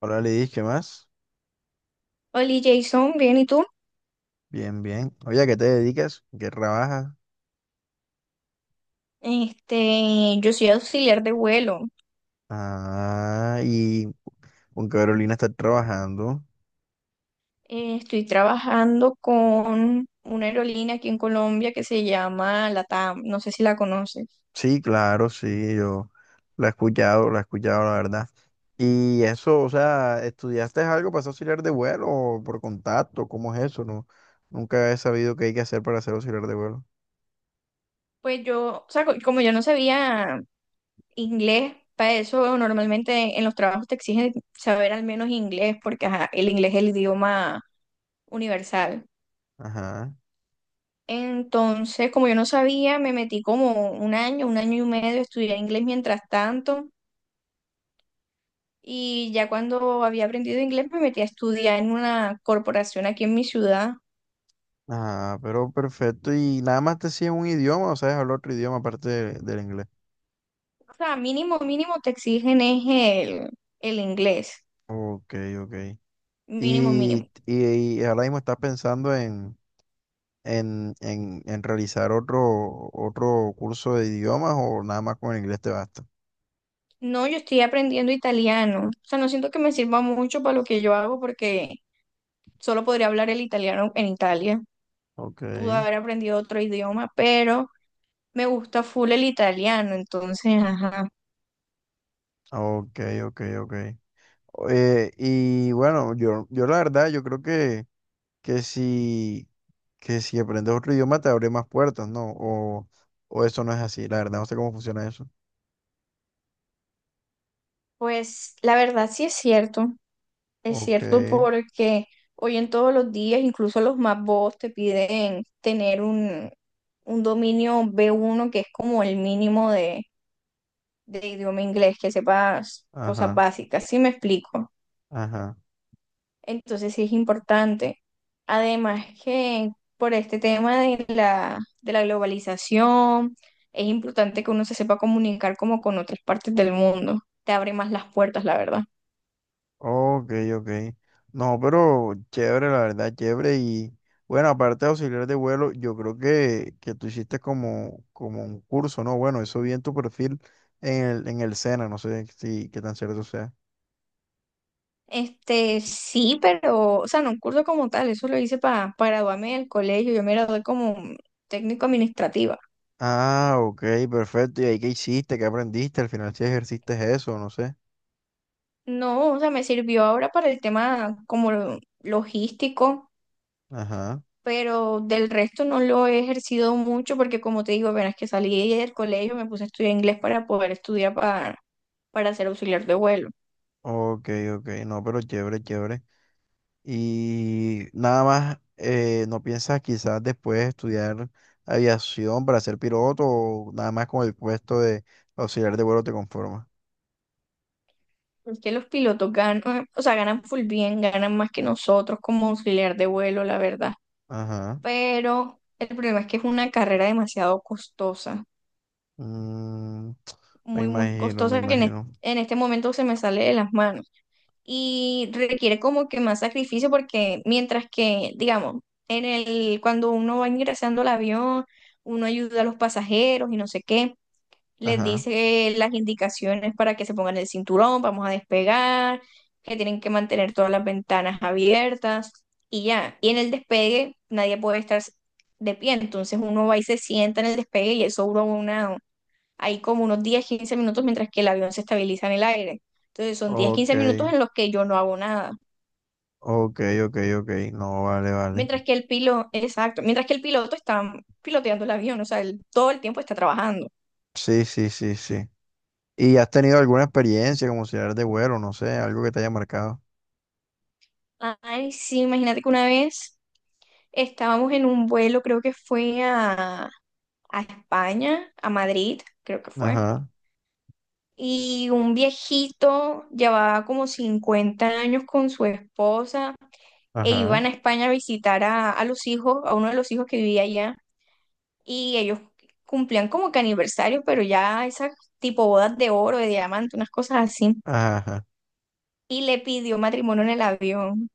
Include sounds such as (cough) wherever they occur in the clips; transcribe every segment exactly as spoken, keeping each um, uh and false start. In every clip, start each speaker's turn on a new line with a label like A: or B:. A: Hola, Lidis, ¿qué más?
B: Hola Jason, bien, ¿y tú?
A: Bien, bien. Oye, ¿a qué te dedicas? ¿En ¿Qué trabajas?
B: Este, yo soy auxiliar de vuelo.
A: Ah, y con Carolina está trabajando.
B: Eh, estoy trabajando con una aerolínea aquí en Colombia que se llama LATAM, no sé si la conoces.
A: Sí, claro, sí, yo La he escuchado, la he escuchado, la verdad. Y eso, o sea, ¿estudiaste algo para ser auxiliar de vuelo o por contacto? ¿Cómo es eso? No, nunca he sabido qué hay que hacer para ser auxiliar de vuelo.
B: Pues yo, o sea, co- como yo no sabía inglés, para eso normalmente en los trabajos te exigen saber al menos inglés, porque ajá, el inglés es el idioma universal.
A: Ajá,
B: Entonces, como yo no sabía, me metí como un año, un año y medio a estudiar inglés mientras tanto. Y ya cuando había aprendido inglés me metí a estudiar en una corporación aquí en mi ciudad.
A: ajá, pero perfecto. ¿Y nada más te sigues un idioma o sabes hablar otro idioma aparte de- del inglés?
B: O sea, mínimo, mínimo te exigen es el, el inglés.
A: Ok, ok.
B: Mínimo,
A: Y,
B: mínimo.
A: y, y ahora mismo estás pensando en, en, en, en realizar otro, otro curso de idiomas o nada más con el inglés te basta.
B: No, yo estoy aprendiendo italiano. O sea, no siento que me sirva mucho para lo que yo hago porque solo podría hablar el italiano en Italia.
A: Ok,
B: Pude haber aprendido otro idioma, pero me gusta full el italiano. Entonces, ajá.
A: ok, ok, ok. Eh, y bueno, yo, yo la verdad, yo creo que, que si, que si aprendes otro idioma te abre más puertas, ¿no? O, o eso no es así, la verdad, no sé cómo funciona eso.
B: Pues la verdad sí es cierto. Es
A: Ok,
B: cierto, porque hoy en todos los días, incluso los más bobos te piden tener un, un dominio b uno que es como el mínimo de, de idioma inglés, que sepas cosas
A: ajá,
B: básicas, ¿sí me explico?
A: ajá.
B: Entonces sí es importante. Además que por este tema de la, de la globalización, es importante que uno se sepa comunicar como con otras partes del mundo. Te abre más las puertas, la verdad.
A: Ok, ok. No, pero chévere, la verdad, chévere. Y bueno, aparte de auxiliar de vuelo, yo creo que, que tú hiciste como, como un curso, ¿no? Bueno, eso vi en tu perfil en el, en el SENA, no sé si qué tan cierto sea.
B: Este, sí, pero, o sea, no un curso como tal, eso lo hice para, para graduarme del colegio, yo me gradué como técnico administrativa.
A: Ah, ok, perfecto. ¿Y ahí qué hiciste? ¿Qué aprendiste? Al final si ejerciste eso, no sé.
B: No, o sea, me sirvió ahora para el tema como lo- logístico,
A: Ajá.
B: pero del resto no lo he ejercido mucho porque como te digo, apenas que salí del colegio me puse a estudiar inglés para poder estudiar para, para ser auxiliar de vuelo.
A: Ok, ok. No, pero chévere, chévere. Y nada más, eh, ¿no piensas quizás después estudiar aviación para ser piloto o nada más con el puesto de auxiliar de vuelo te conformas?
B: Porque los pilotos ganan, o sea, ganan full bien, ganan más que nosotros como auxiliar de vuelo, la verdad.
A: Ajá.
B: Pero el problema es que es una carrera demasiado costosa,
A: Mm, me
B: muy, muy
A: imagino, me
B: costosa que en, es-
A: imagino.
B: en este momento se me sale de las manos y requiere como que más sacrificio porque mientras que, digamos, en el, cuando uno va ingresando al avión, uno ayuda a los pasajeros y no sé qué, les
A: Ajá.
B: dice las indicaciones para que se pongan el cinturón, vamos a despegar, que tienen que mantener todas las ventanas abiertas y ya. Y en el despegue nadie puede estar de pie, entonces uno va y se sienta en el despegue y eso dura una, ahí como unos diez quince minutos mientras que el avión se estabiliza en el aire. Entonces son diez
A: Ok,
B: quince minutos en los que yo no hago nada.
A: ok, ok, ok. No, vale, vale.
B: Mientras que el piloto, exacto, mientras que el piloto está piloteando el avión, o sea, él todo el tiempo está trabajando.
A: Sí, sí, sí, sí. ¿Y has tenido alguna experiencia como auxiliar de vuelo? No sé, algo que te haya marcado.
B: Ay, sí, imagínate que una vez estábamos en un vuelo, creo que fue a, a España, a Madrid, creo que fue.
A: Ajá,
B: Y un viejito llevaba como cincuenta años con su esposa e
A: ajá,
B: iban a España a visitar a, a los hijos, a uno de los hijos que vivía allá. Y ellos cumplían como que aniversario, pero ya esas tipo bodas de oro, de diamante, unas cosas así.
A: ajá.
B: Y le pidió matrimonio en el avión.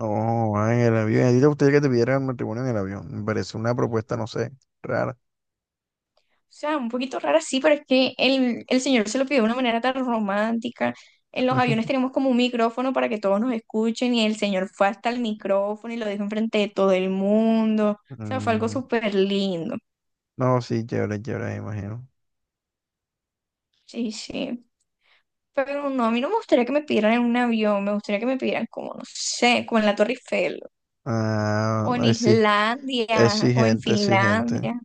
A: No, va en el avión. ¿A ti te gustaría que te pidieran matrimonio en el avión? Me parece una propuesta, no sé, rara.
B: O sea, un poquito rara, sí, pero es que el, el señor se lo pidió de una manera tan romántica. En los aviones
A: (laughs)
B: tenemos como un micrófono para que todos nos escuchen y el señor fue hasta el micrófono y lo dijo enfrente de todo el mundo. O sea, fue algo
A: Mm,
B: súper lindo.
A: no, sí, chévere, chévere, me imagino.
B: Sí, sí. Pero no, a mí no me gustaría que me pidieran en un avión, me gustaría que me pidieran como, no sé, como en la Torre Eiffel,
A: Ah,
B: o en
A: exi-
B: Islandia, o en
A: exigente, exigente.
B: Finlandia.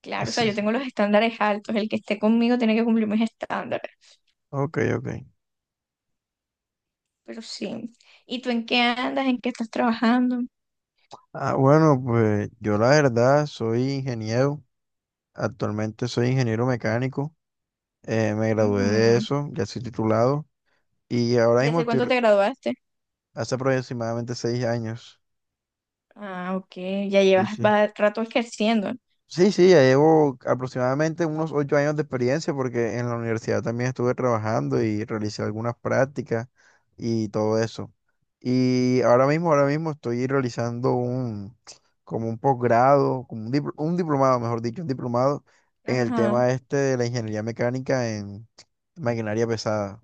B: Claro, o sea,
A: Así.
B: yo tengo los estándares altos, el que esté conmigo tiene que cumplir mis estándares.
A: Ok, ok.
B: Pero sí. ¿Y tú en qué andas? ¿En qué estás trabajando?
A: Ah, bueno, pues yo la verdad soy ingeniero. Actualmente soy ingeniero mecánico. Eh, me gradué de
B: Ujú.
A: eso, ya soy titulado. Y ahora
B: ¿Y
A: mismo
B: hace
A: estoy
B: cuánto
A: r-
B: te graduaste?
A: hace aproximadamente seis años.
B: Ah, ok. Ya
A: Sí,
B: llevas
A: sí.
B: va- rato ejerciendo.
A: Sí, sí, ya llevo aproximadamente unos ocho años de experiencia porque en la universidad también estuve trabajando y realicé algunas prácticas y todo eso. Y ahora mismo, ahora mismo estoy realizando un, como un posgrado, como un, dipl- un diplomado, mejor dicho, un diplomado en el
B: Ajá.
A: tema este de la ingeniería mecánica en maquinaria pesada.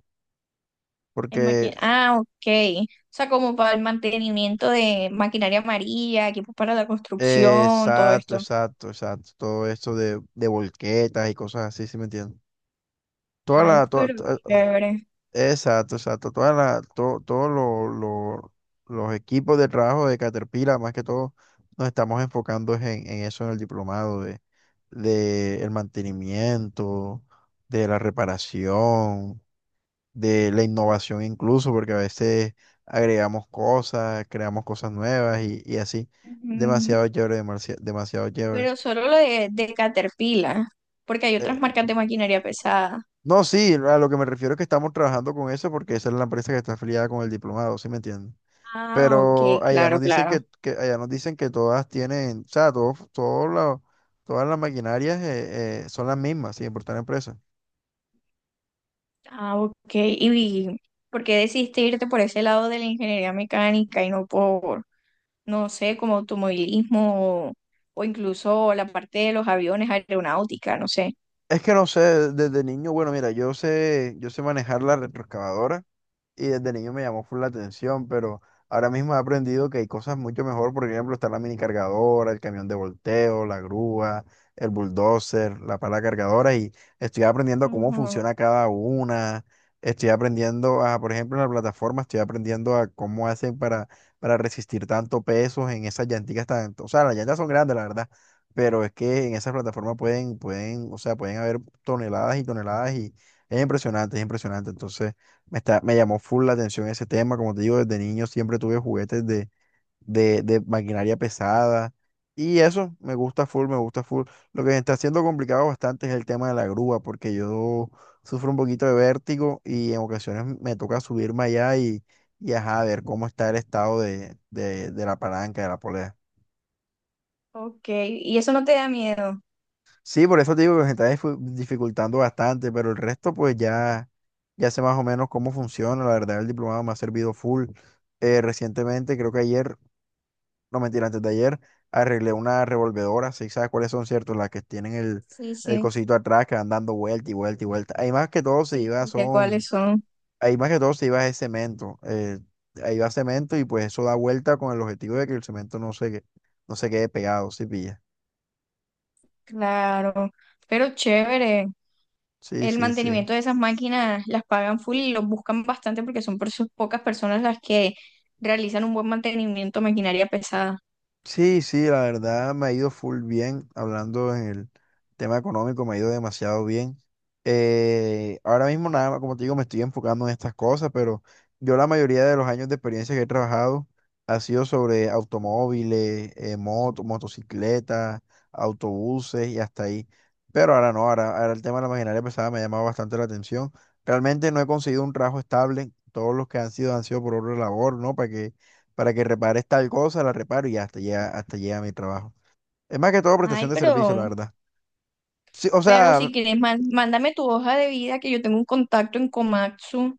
B: En maqui-
A: Porque,
B: Ah, ok. O sea, como para el mantenimiento de maquinaria amarilla, equipos para la
A: eh,
B: construcción, todo
A: exacto,
B: esto.
A: exacto, exacto, todo esto de, de volquetas y cosas así, ¿sí me entiendes? Toda
B: Ay,
A: la, toda-
B: pero
A: to-
B: chévere.
A: Exacto, exacto. Toda la, to- todos lo- lo- los equipos de trabajo de Caterpillar, más que todo, nos estamos enfocando es en, en eso, en el diplomado de, de el mantenimiento, de la reparación, de la innovación incluso, porque a veces agregamos cosas, creamos cosas nuevas y, y así.
B: Ujú.
A: Demasiado chévere, demasi- demasiado chévere.
B: Pero solo lo de, de Caterpillar, porque hay
A: Eh,
B: otras marcas de maquinaria pesada.
A: no, sí, a lo que me refiero es que estamos trabajando con eso porque esa es la empresa que está afiliada con el diplomado, ¿sí me entiendes?
B: Ah, ok,
A: Pero allá
B: claro,
A: nos dicen
B: claro.
A: que, que- allá nos dicen que todas tienen, o sea, todos, todos los- todas las maquinarias eh, eh, son las mismas, sin importar la empresa.
B: Ah, ok. ¿Y por qué decidiste irte por ese lado de la ingeniería mecánica y no por, no sé, como automovilismo o, o incluso la parte de los aviones, aeronáutica, no sé?
A: Es que no sé, desde niño, bueno, mira, yo sé, yo sé manejar la retroexcavadora. Y desde niño me llamó full la atención, pero ahora mismo he aprendido que hay cosas mucho mejor, por ejemplo, está la mini cargadora, el camión de volteo, la grúa, el bulldozer, la pala cargadora y estoy aprendiendo cómo
B: Ujú.
A: funciona cada una. Estoy aprendiendo a, por ejemplo, en la plataforma, estoy aprendiendo a cómo hacen para, para resistir tanto peso en esas llanticas tan, o sea, las llantas son grandes, la verdad, pero es que en esas plataformas pueden, pueden, o sea, pueden haber toneladas y toneladas y es impresionante, es impresionante. Entonces, me, está- me llamó full la atención ese tema. Como te digo, desde niño siempre tuve juguetes de, de, de maquinaria pesada. Y eso me gusta full, me gusta full. Lo que me está haciendo complicado bastante es el tema de la grúa, porque yo sufro un poquito de vértigo y en ocasiones me toca subirme allá y, y ajá, ver cómo está el estado de, de, de la palanca, de la polea.
B: Ok. ¿Y eso no te da miedo?
A: Sí, por eso te digo que se está difu- dificultando bastante, pero el resto pues ya, ya sé más o menos cómo funciona. La verdad, el diplomado me ha servido full. Eh, recientemente, creo que ayer, no mentira, antes de ayer, arreglé una revolvedora, si sabes cuáles son, ¿cierto? Las que tienen el,
B: Sí,
A: el
B: sí,
A: cosito atrás que van dando vuelta y vuelta y vuelta. Ahí más que todo se
B: sí,
A: iba,
B: sí, sé cuáles
A: son,
B: son.
A: ahí más que todo se iba es cemento. Eh, ahí va cemento y pues eso da vuelta con el objetivo de que el cemento no se, que- no se quede pegado, ¿sí pilla?
B: Claro. Pero chévere.
A: Sí,
B: El
A: sí, sí.
B: mantenimiento de esas máquinas las pagan full y los buscan bastante porque son por sus pocas personas las que realizan un buen mantenimiento de maquinaria pesada.
A: Sí, sí, la verdad me ha ido full bien, hablando en el tema económico, me ha ido demasiado bien. Eh, ahora mismo nada más, como te digo, me estoy enfocando en estas cosas, pero yo la mayoría de los años de experiencia que he trabajado ha sido sobre automóviles, eh, moto- motocicletas, autobuses y hasta ahí. Pero ahora no, ahora, ahora el tema de la maquinaria pesada me ha llamado bastante la atención. Realmente no he conseguido un trabajo estable, todos los que han sido han sido por otra labor, ¿no? Para que para que repares tal cosa, la reparo y hasta llega, hasta llega mi trabajo. Es más que todo prestación
B: Ay,
A: de servicio, la
B: pero
A: verdad. Sí, o
B: Pero
A: sea,
B: si quieres, man- mándame tu hoja de vida, que yo tengo un contacto en Komatsu,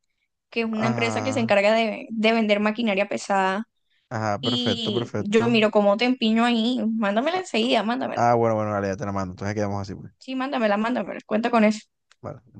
B: que es una empresa que se
A: ajá,
B: encarga de, de vender maquinaria pesada.
A: ajá, perfecto,
B: Y yo
A: perfecto.
B: miro cómo te empiño ahí. Mándamela enseguida, mándamela.
A: Ah, bueno, bueno, dale, ya te la mando. Entonces quedamos así, pues.
B: Sí, mándamela, mándamela. Cuenta con eso.
A: Vale.